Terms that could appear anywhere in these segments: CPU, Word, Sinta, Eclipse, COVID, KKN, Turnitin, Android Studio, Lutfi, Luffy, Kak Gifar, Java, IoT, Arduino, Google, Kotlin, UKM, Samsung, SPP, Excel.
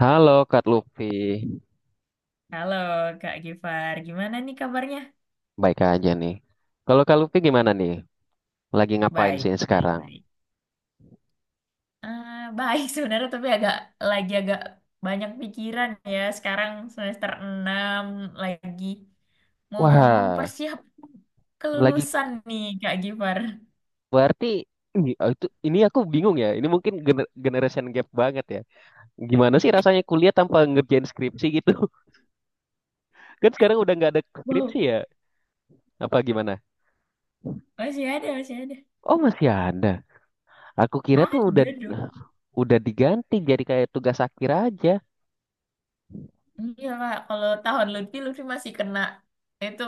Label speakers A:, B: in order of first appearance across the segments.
A: Halo Kak Luffy,
B: Halo Kak Gifar, gimana nih kabarnya?
A: baik aja nih. Kalau Kak Luffy gimana nih? Lagi ngapain
B: Baik,
A: sih
B: baik,
A: sekarang?
B: baik. Ah, baik sebenarnya tapi agak lagi agak banyak pikiran ya. Sekarang semester 6 lagi mau
A: Wah,
B: mempersiapkan
A: lagi
B: kelulusan nih Kak Gifar.
A: berarti ini, oh, itu ini aku bingung ya. Ini mungkin generation gap banget ya. Gimana sih rasanya kuliah tanpa ngerjain skripsi gitu? Kan sekarang udah nggak ada
B: Wow,
A: skripsi ya? Apa gimana?
B: masih ada, masih ada.
A: Oh masih ada. Aku kira tuh udah
B: Ada dong.
A: diganti jadi kayak tugas akhir aja.
B: Iya Kak, kalau tahun Lutfi, Lutfi masih kena itu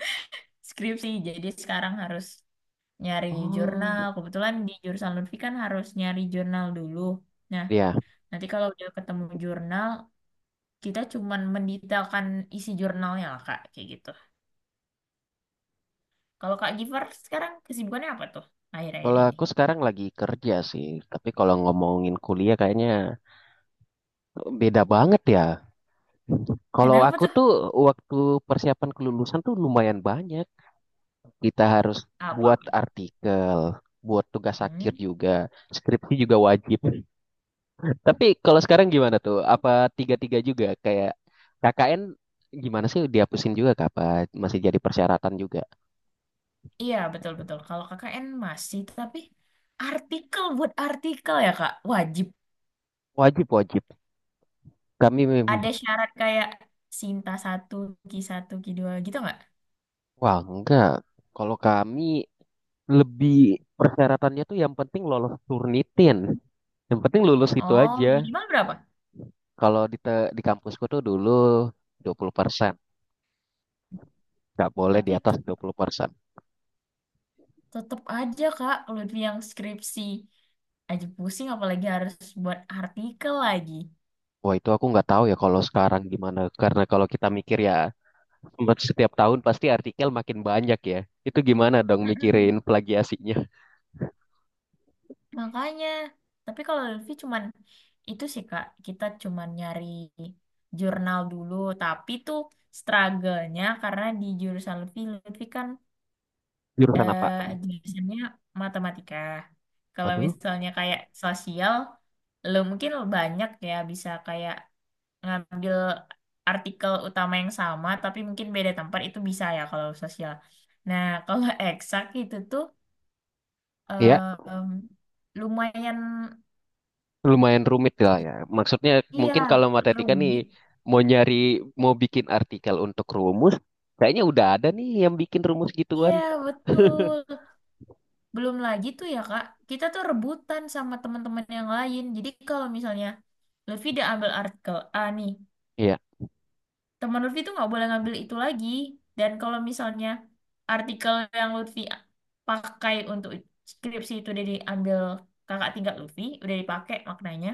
B: skripsi. Jadi sekarang harus nyari jurnal.
A: Oh,
B: Kebetulan di jurusan Lutfi kan harus nyari jurnal dulu. Nah,
A: ya.
B: Nanti kalau udah ketemu jurnal, kita cuman mendetailkan isi jurnalnya lah, Kak. Kayak gitu. Kalau Kak Giver sekarang kesibukannya apa tuh akhir-akhir
A: Kalau
B: ini?
A: aku sekarang lagi kerja sih, tapi kalau ngomongin kuliah kayaknya beda banget ya. Kalau
B: Kenapa
A: aku
B: tuh?
A: tuh waktu persiapan kelulusan tuh lumayan banyak. Kita harus buat
B: Apa-apa tuh?
A: artikel, buat tugas akhir
B: Hmm,
A: juga, skripsi juga wajib. Tapi kalau sekarang gimana tuh? Apa tiga-tiga juga kayak KKN gimana sih dihapusin juga kah? Apa masih jadi persyaratan juga?
B: Iya, betul-betul. Kalau KKN masih, tapi artikel buat artikel ya, Kak. Wajib.
A: Wajib, wajib. Kami,
B: Ada syarat kayak Sinta satu ki dua gitu nggak?
A: wah enggak. Kalau kami lebih persyaratannya tuh yang penting lolos Turnitin. Yang penting lulus itu
B: Oh,
A: aja.
B: minimal berapa?
A: Kalau di kampusku tuh dulu 20%, nggak boleh di
B: Tapi
A: atas
B: tetep,
A: 20%.
B: tetep aja, Kak. Kalau yang skripsi aja pusing apalagi harus buat artikel lagi.
A: Wah itu aku nggak tahu ya kalau sekarang gimana. Karena kalau kita mikir ya setiap tahun pasti artikel makin banyak ya. Itu gimana dong
B: Mm-mm.
A: mikirin plagiasinya?
B: Makanya, tapi kalau Lutfi cuman itu sih Kak, kita cuman nyari jurnal dulu, tapi tuh struggle-nya karena di jurusan Lutfi kan
A: Jurusan apa?
B: eh, jurusannya matematika. Kalau
A: Waduh,
B: misalnya kayak sosial, lo mungkin banyak ya bisa kayak ngambil artikel utama yang sama, tapi mungkin beda tempat itu bisa ya kalau sosial. Nah, kalau eksak itu tuh
A: ya
B: em, lumayan.
A: lumayan rumit lah ya. Maksudnya mungkin
B: Iya,
A: kalau matematika nih
B: rumit.
A: mau nyari, mau bikin artikel untuk rumus, kayaknya udah ada nih yang bikin rumus gituan.
B: Iya, betul. Belum lagi tuh ya, Kak. Kita tuh rebutan sama teman-teman yang lain. Jadi kalau misalnya Lutfi udah ambil artikel A nih,
A: Iya.
B: teman Lutfi tuh nggak boleh ngambil itu lagi. Dan kalau misalnya artikel yang Lutfi pakai untuk skripsi itu udah diambil kakak tingkat Lutfi, udah dipakai maknanya,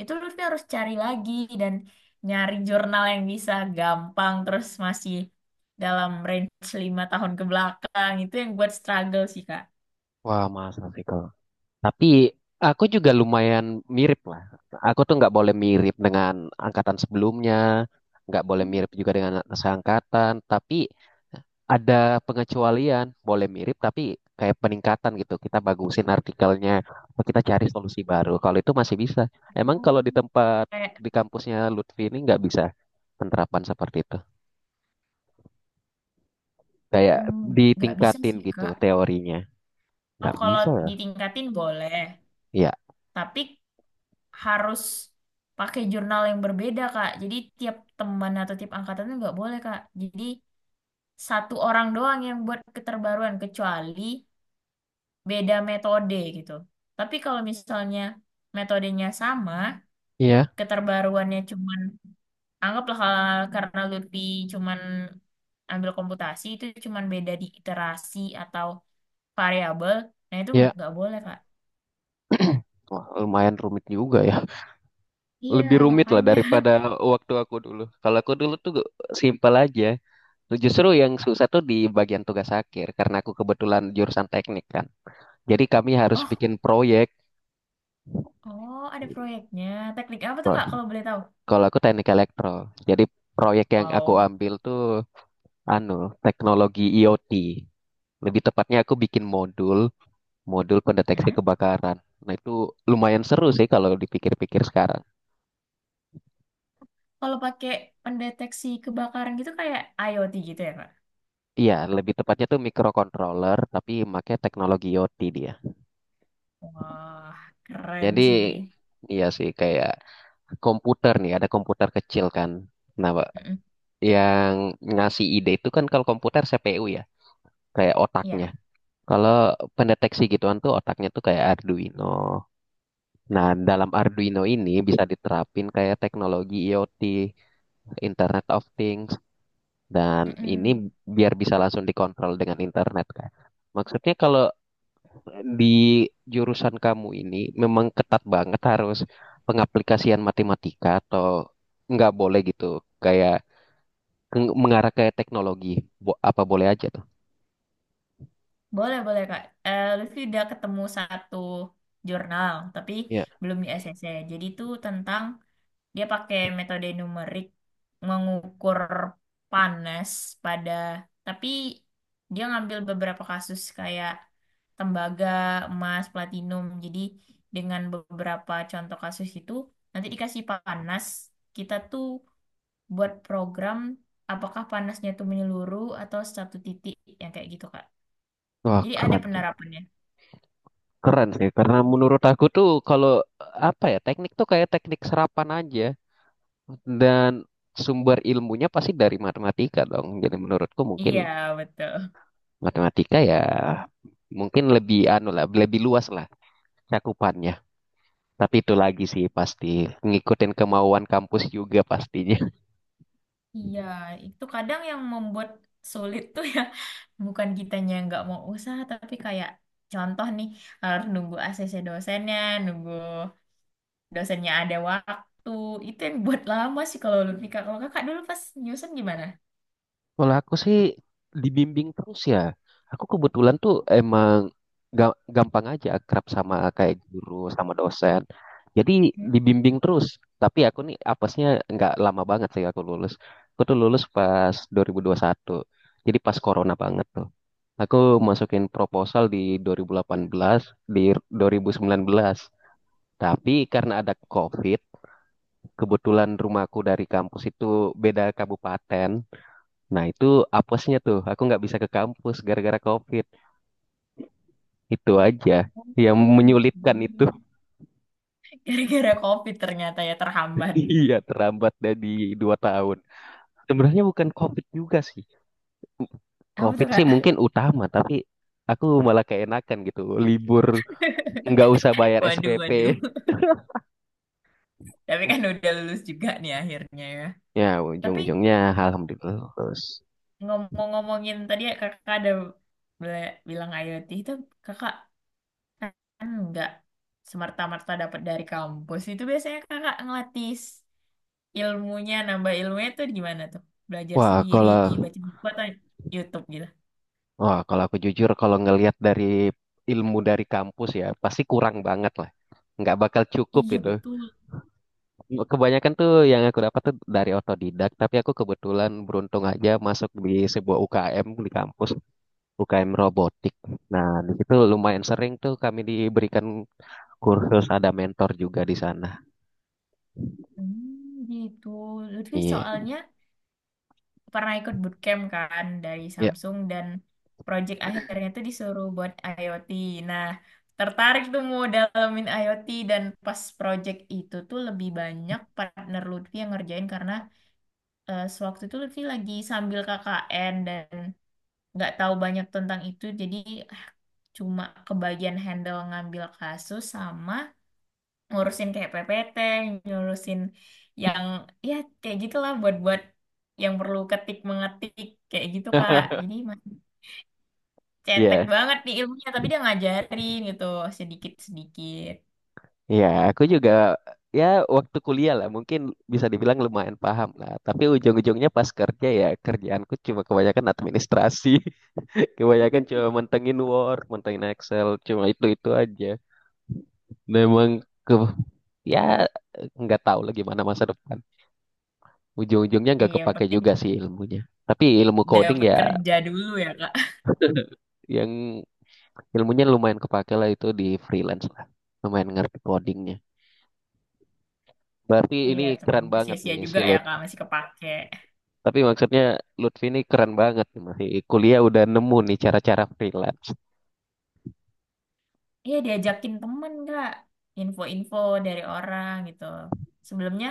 B: itu Lutfi harus cari lagi dan nyari jurnal yang bisa gampang terus masih dalam range 5 tahun ke belakang itu yang buat struggle sih Kak.
A: Wah masa sih kalau. Tapi aku juga lumayan mirip lah. Aku tuh nggak boleh mirip dengan angkatan sebelumnya, nggak boleh mirip juga dengan seangkatan. Tapi ada pengecualian, boleh mirip tapi kayak peningkatan gitu. Kita bagusin artikelnya, atau kita cari solusi baru. Kalau itu masih bisa. Emang kalau
B: Hmm. Kayak
A: di kampusnya Lutfi ini nggak bisa penerapan seperti itu. Kayak
B: mm, nggak bisa
A: ditingkatin
B: sih
A: gitu
B: Kak.
A: teorinya.
B: Oh
A: Nggak
B: kalau
A: bisa ya?
B: ditingkatin boleh,
A: Iya,
B: tapi harus pakai jurnal yang berbeda Kak. Jadi tiap teman atau tiap angkatan itu nggak boleh Kak. Jadi satu orang doang yang buat keterbaruan kecuali beda metode gitu. Tapi kalau misalnya metodenya sama,
A: iya,
B: keterbaruannya cuman anggaplah kalau karena Lutfi cuman ambil komputasi itu cuman beda di iterasi atau variabel. Nah, itu
A: iya.
B: nggak boleh, Kak.
A: Wah, lumayan rumit juga ya.
B: Iya,
A: Lebih rumit lah
B: makanya.
A: daripada waktu aku dulu. Kalau aku dulu tuh simpel aja. Justru yang susah tuh di bagian tugas akhir karena aku kebetulan jurusan teknik kan. Jadi kami harus
B: Oh,
A: bikin proyek.
B: oh, ada proyeknya. Teknik apa tuh, Kak, kalau boleh tahu?
A: Kalau aku teknik elektro. Jadi proyek yang aku
B: Wow.
A: ambil tuh anu teknologi IoT. Lebih tepatnya aku bikin modul, modul pendeteksi
B: Hmm?
A: kebakaran. Nah itu lumayan seru sih kalau dipikir-pikir sekarang.
B: Kalau pakai pendeteksi kebakaran gitu kayak IoT gitu ya, Kak?
A: Iya, lebih tepatnya tuh microcontroller tapi pakai teknologi IoT dia.
B: Wah, keren
A: Jadi
B: sih.
A: iya sih kayak komputer nih, ada komputer kecil kan. Nah, Pak,
B: Mm-mm.
A: yang ngasih ide itu kan kalau komputer CPU ya, kayak otaknya.
B: Iya.
A: Kalau pendeteksi gituan tuh otaknya tuh kayak Arduino. Nah, dalam Arduino ini bisa diterapin kayak teknologi IoT, Internet of Things, dan
B: Mm-mm.
A: ini biar bisa langsung dikontrol dengan internet kan. Maksudnya kalau di jurusan kamu ini memang ketat banget harus pengaplikasian matematika atau nggak boleh gitu kayak mengarah ke teknologi, apa boleh aja tuh?
B: Boleh, boleh Kak. Eh, Lutfi udah ketemu satu jurnal, tapi
A: Ya,
B: belum di ACC. Jadi itu tentang dia pakai metode numerik mengukur panas pada, tapi dia ngambil beberapa kasus kayak tembaga, emas, platinum. Jadi dengan beberapa contoh kasus itu, nanti dikasih panas, kita tuh buat program apakah panasnya tuh menyeluruh atau satu titik, yang kayak gitu Kak.
A: wah,
B: Jadi ada
A: keren sih.
B: penerapannya.
A: Keren sih karena menurut aku tuh kalau apa ya teknik tuh kayak teknik serapan aja dan sumber ilmunya pasti dari matematika dong, jadi menurutku
B: Iya,
A: mungkin
B: betul.
A: matematika ya mungkin lebih anu lah, lebih luas lah cakupannya. Tapi itu lagi sih pasti ngikutin kemauan kampus juga pastinya.
B: Iya, itu kadang yang membuat sulit tuh ya, bukan kitanya yang nggak mau usaha, tapi kayak contoh nih, harus nunggu ACC dosennya, nunggu dosennya ada waktu, itu yang buat lama sih kalau lu nikah. Kalau kakak dulu pas nyusun gimana?
A: Kalau aku sih dibimbing terus ya. Aku kebetulan tuh emang gampang aja akrab sama kayak guru, sama dosen. Jadi
B: Ya.
A: dibimbing terus. Tapi aku nih apesnya nggak lama banget sih aku lulus. Aku tuh lulus pas 2021. Jadi pas corona banget tuh. Aku masukin proposal di 2018, di 2019. Tapi karena ada COVID, kebetulan rumahku dari kampus itu beda kabupaten. Nah, itu apesnya tuh, aku nggak bisa ke kampus gara-gara COVID. Itu aja yang
B: Oh,
A: menyulitkan itu.
B: gitu. Gara-gara COVID ternyata ya terhambat.
A: Iya, terlambat dari 2 tahun. Sebenarnya bukan COVID juga sih.
B: Apa tuh,
A: COVID sih
B: Kak?
A: mungkin utama, tapi aku malah keenakan gitu. Libur nggak usah bayar
B: Waduh,
A: SPP.
B: waduh. Tapi kan udah lulus juga nih akhirnya ya.
A: Ya,
B: Tapi
A: ujung-ujungnya alhamdulillah lulus.
B: Ngomong-ngomongin tadi ya kakak ada bilang IoT itu kakak kan nggak semerta-merta dapat dari kampus. Itu biasanya kakak ngelatih ilmunya, nambah ilmunya tuh gimana tuh? Belajar
A: Wah,
B: sendiri,
A: kalau
B: baca buku atau YouTube gitu?
A: Wah, kalau aku jujur, kalau ngelihat dari ilmu dari kampus ya, pasti kurang banget lah. Nggak bakal cukup
B: Iya
A: itu.
B: betul.
A: Kebanyakan tuh yang aku dapat tuh dari otodidak, tapi aku kebetulan beruntung aja masuk di sebuah UKM di kampus, UKM robotik. Nah, di situ lumayan sering tuh kami diberikan kursus, ada mentor juga di sana.
B: Hmm, gitu. Lutfi
A: Iya,
B: soalnya pernah ikut bootcamp kan dari
A: iya,
B: Samsung dan project akhirnya tuh disuruh buat IoT. Nah, tertarik tuh mau dalamin IoT dan pas project itu tuh lebih banyak partner Lutfi yang ngerjain karena sewaktu itu Lutfi lagi sambil KKN dan nggak tahu banyak tentang itu jadi eh, cuma kebagian handle ngambil kasus sama ngurusin kayak PPT, ngurusin yang ya kayak gitulah buat-buat yang perlu ketik mengetik kayak gitu Kak. Jadi masih cetek
A: iya.
B: banget nih ilmunya, tapi dia ngajarin gitu sedikit-sedikit.
A: Ya, aku juga ya waktu kuliah lah mungkin bisa dibilang lumayan paham lah. Tapi ujung-ujungnya pas kerja ya kerjaanku cuma kebanyakan administrasi, kebanyakan cuma mentengin Word, mentengin Excel, cuma itu-itu aja. Dan emang ke ya nggak tahu lah gimana masa depan. Ujung-ujungnya
B: Eh,
A: nggak
B: yang
A: kepake
B: penting
A: juga sih ilmunya. Tapi ilmu coding
B: dapat
A: ya
B: kerja dulu ya Kak.
A: yang ilmunya lumayan kepake lah itu di freelance lah. Lumayan ngerti codingnya. Berarti ini
B: Iya temen.
A: keren
B: Nggak
A: banget
B: sia-sia
A: nih si
B: juga
A: lo.
B: ya Kak, masih kepake.
A: Tapi maksudnya Lutfi ini keren banget nih, masih kuliah udah nemu nih cara-cara freelance.
B: Iya diajakin temen Kak, info-info dari orang gitu. Sebelumnya,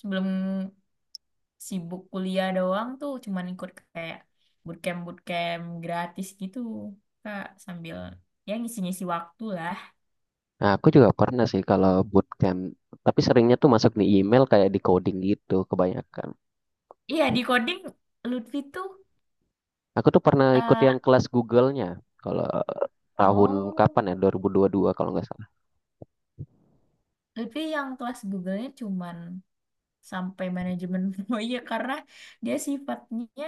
B: sebelum sibuk kuliah doang tuh cuman ikut kayak bootcamp bootcamp gratis gitu Kak, sambil ya ngisi-ngisi waktu lah.
A: Nah, aku juga pernah sih kalau bootcamp, tapi seringnya tuh masuk di email kayak di coding gitu kebanyakan.
B: Iya di coding Lutfi tuh
A: Aku tuh pernah ikut yang
B: eh,
A: kelas Google-nya kalau tahun
B: oh,
A: kapan ya 2022 kalau nggak salah.
B: Lutfi yang kelas Google-nya cuman sampai manajemen proyek karena dia sifatnya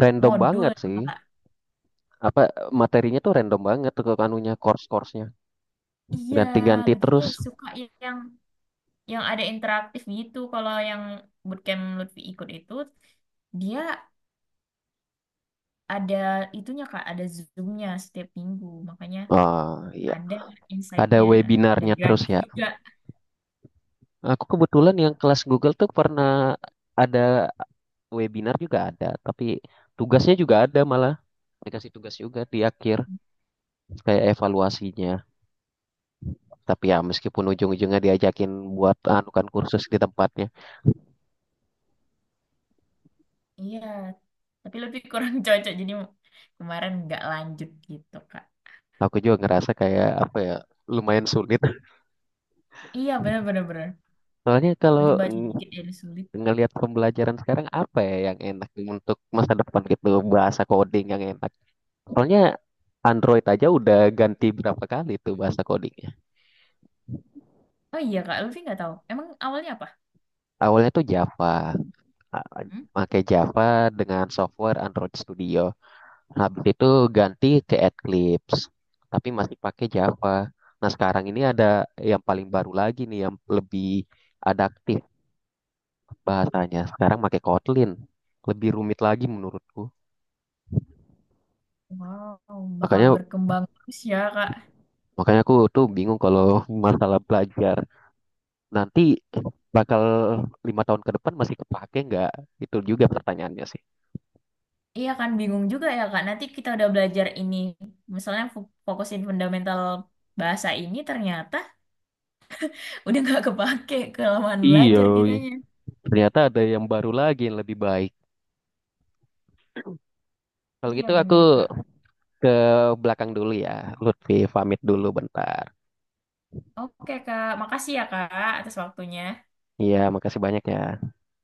A: Random
B: modul
A: banget
B: ya,
A: sih.
B: kak
A: Apa materinya tuh random banget tuh anunya course-course-nya.
B: iya
A: Ganti-ganti
B: Lutfi
A: terus.
B: suka yang yang ada interaktif gitu kalau yang bootcamp Lutfi ikut itu dia ada itunya Kak, ada Zoom-nya setiap minggu. Makanya
A: Oh iya,
B: ada
A: ada
B: insight-nya dan
A: webinarnya terus
B: gratis
A: ya.
B: juga.
A: Aku kebetulan yang kelas Google tuh pernah ada webinar juga ada, tapi tugasnya juga ada, malah dikasih tugas juga di akhir kayak evaluasinya. Tapi ya meskipun ujung-ujungnya diajakin buat anukan kursus di tempatnya,
B: Iya, tapi lebih kurang cocok. Jadi kemarin nggak lanjut gitu Kak.
A: aku juga ngerasa kayak apa ya lumayan sulit.
B: Iya bener-bener. Bener, bener, bener.
A: Soalnya kalau
B: Jadi baca dikit dari sulit.
A: ngelihat pembelajaran sekarang apa ya yang enak untuk masa depan gitu, bahasa coding yang enak. Soalnya Android aja udah ganti berapa kali tuh bahasa codingnya.
B: Oh iya Kak, Luffy nggak tahu. Emang awalnya apa?
A: Awalnya tuh Java,
B: Hmm?
A: pakai Java dengan software Android Studio. Habis itu ganti ke Eclipse, tapi masih pakai Java. Nah, sekarang ini ada yang paling baru lagi nih, yang lebih adaptif bahasanya. Sekarang pakai Kotlin, lebih rumit lagi menurutku.
B: Wow, bakal
A: Makanya,
B: berkembang terus ya Kak.
A: makanya aku tuh bingung kalau masalah belajar nanti bakal 5 tahun ke depan masih kepake nggak? Itu juga pertanyaannya sih.
B: Iya kan bingung juga ya Kak. Nanti kita udah belajar ini. Misalnya fokusin fundamental bahasa ini ternyata udah nggak kepake kelamaan
A: Iya,
B: belajar kitanya.
A: ternyata ada yang baru lagi yang lebih baik. Kalau
B: Iya
A: gitu aku
B: bener Kak.
A: ke belakang dulu ya, Lutfi pamit dulu bentar.
B: Oke Kak, makasih ya Kak atas waktunya.
A: Iya, makasih banyak ya.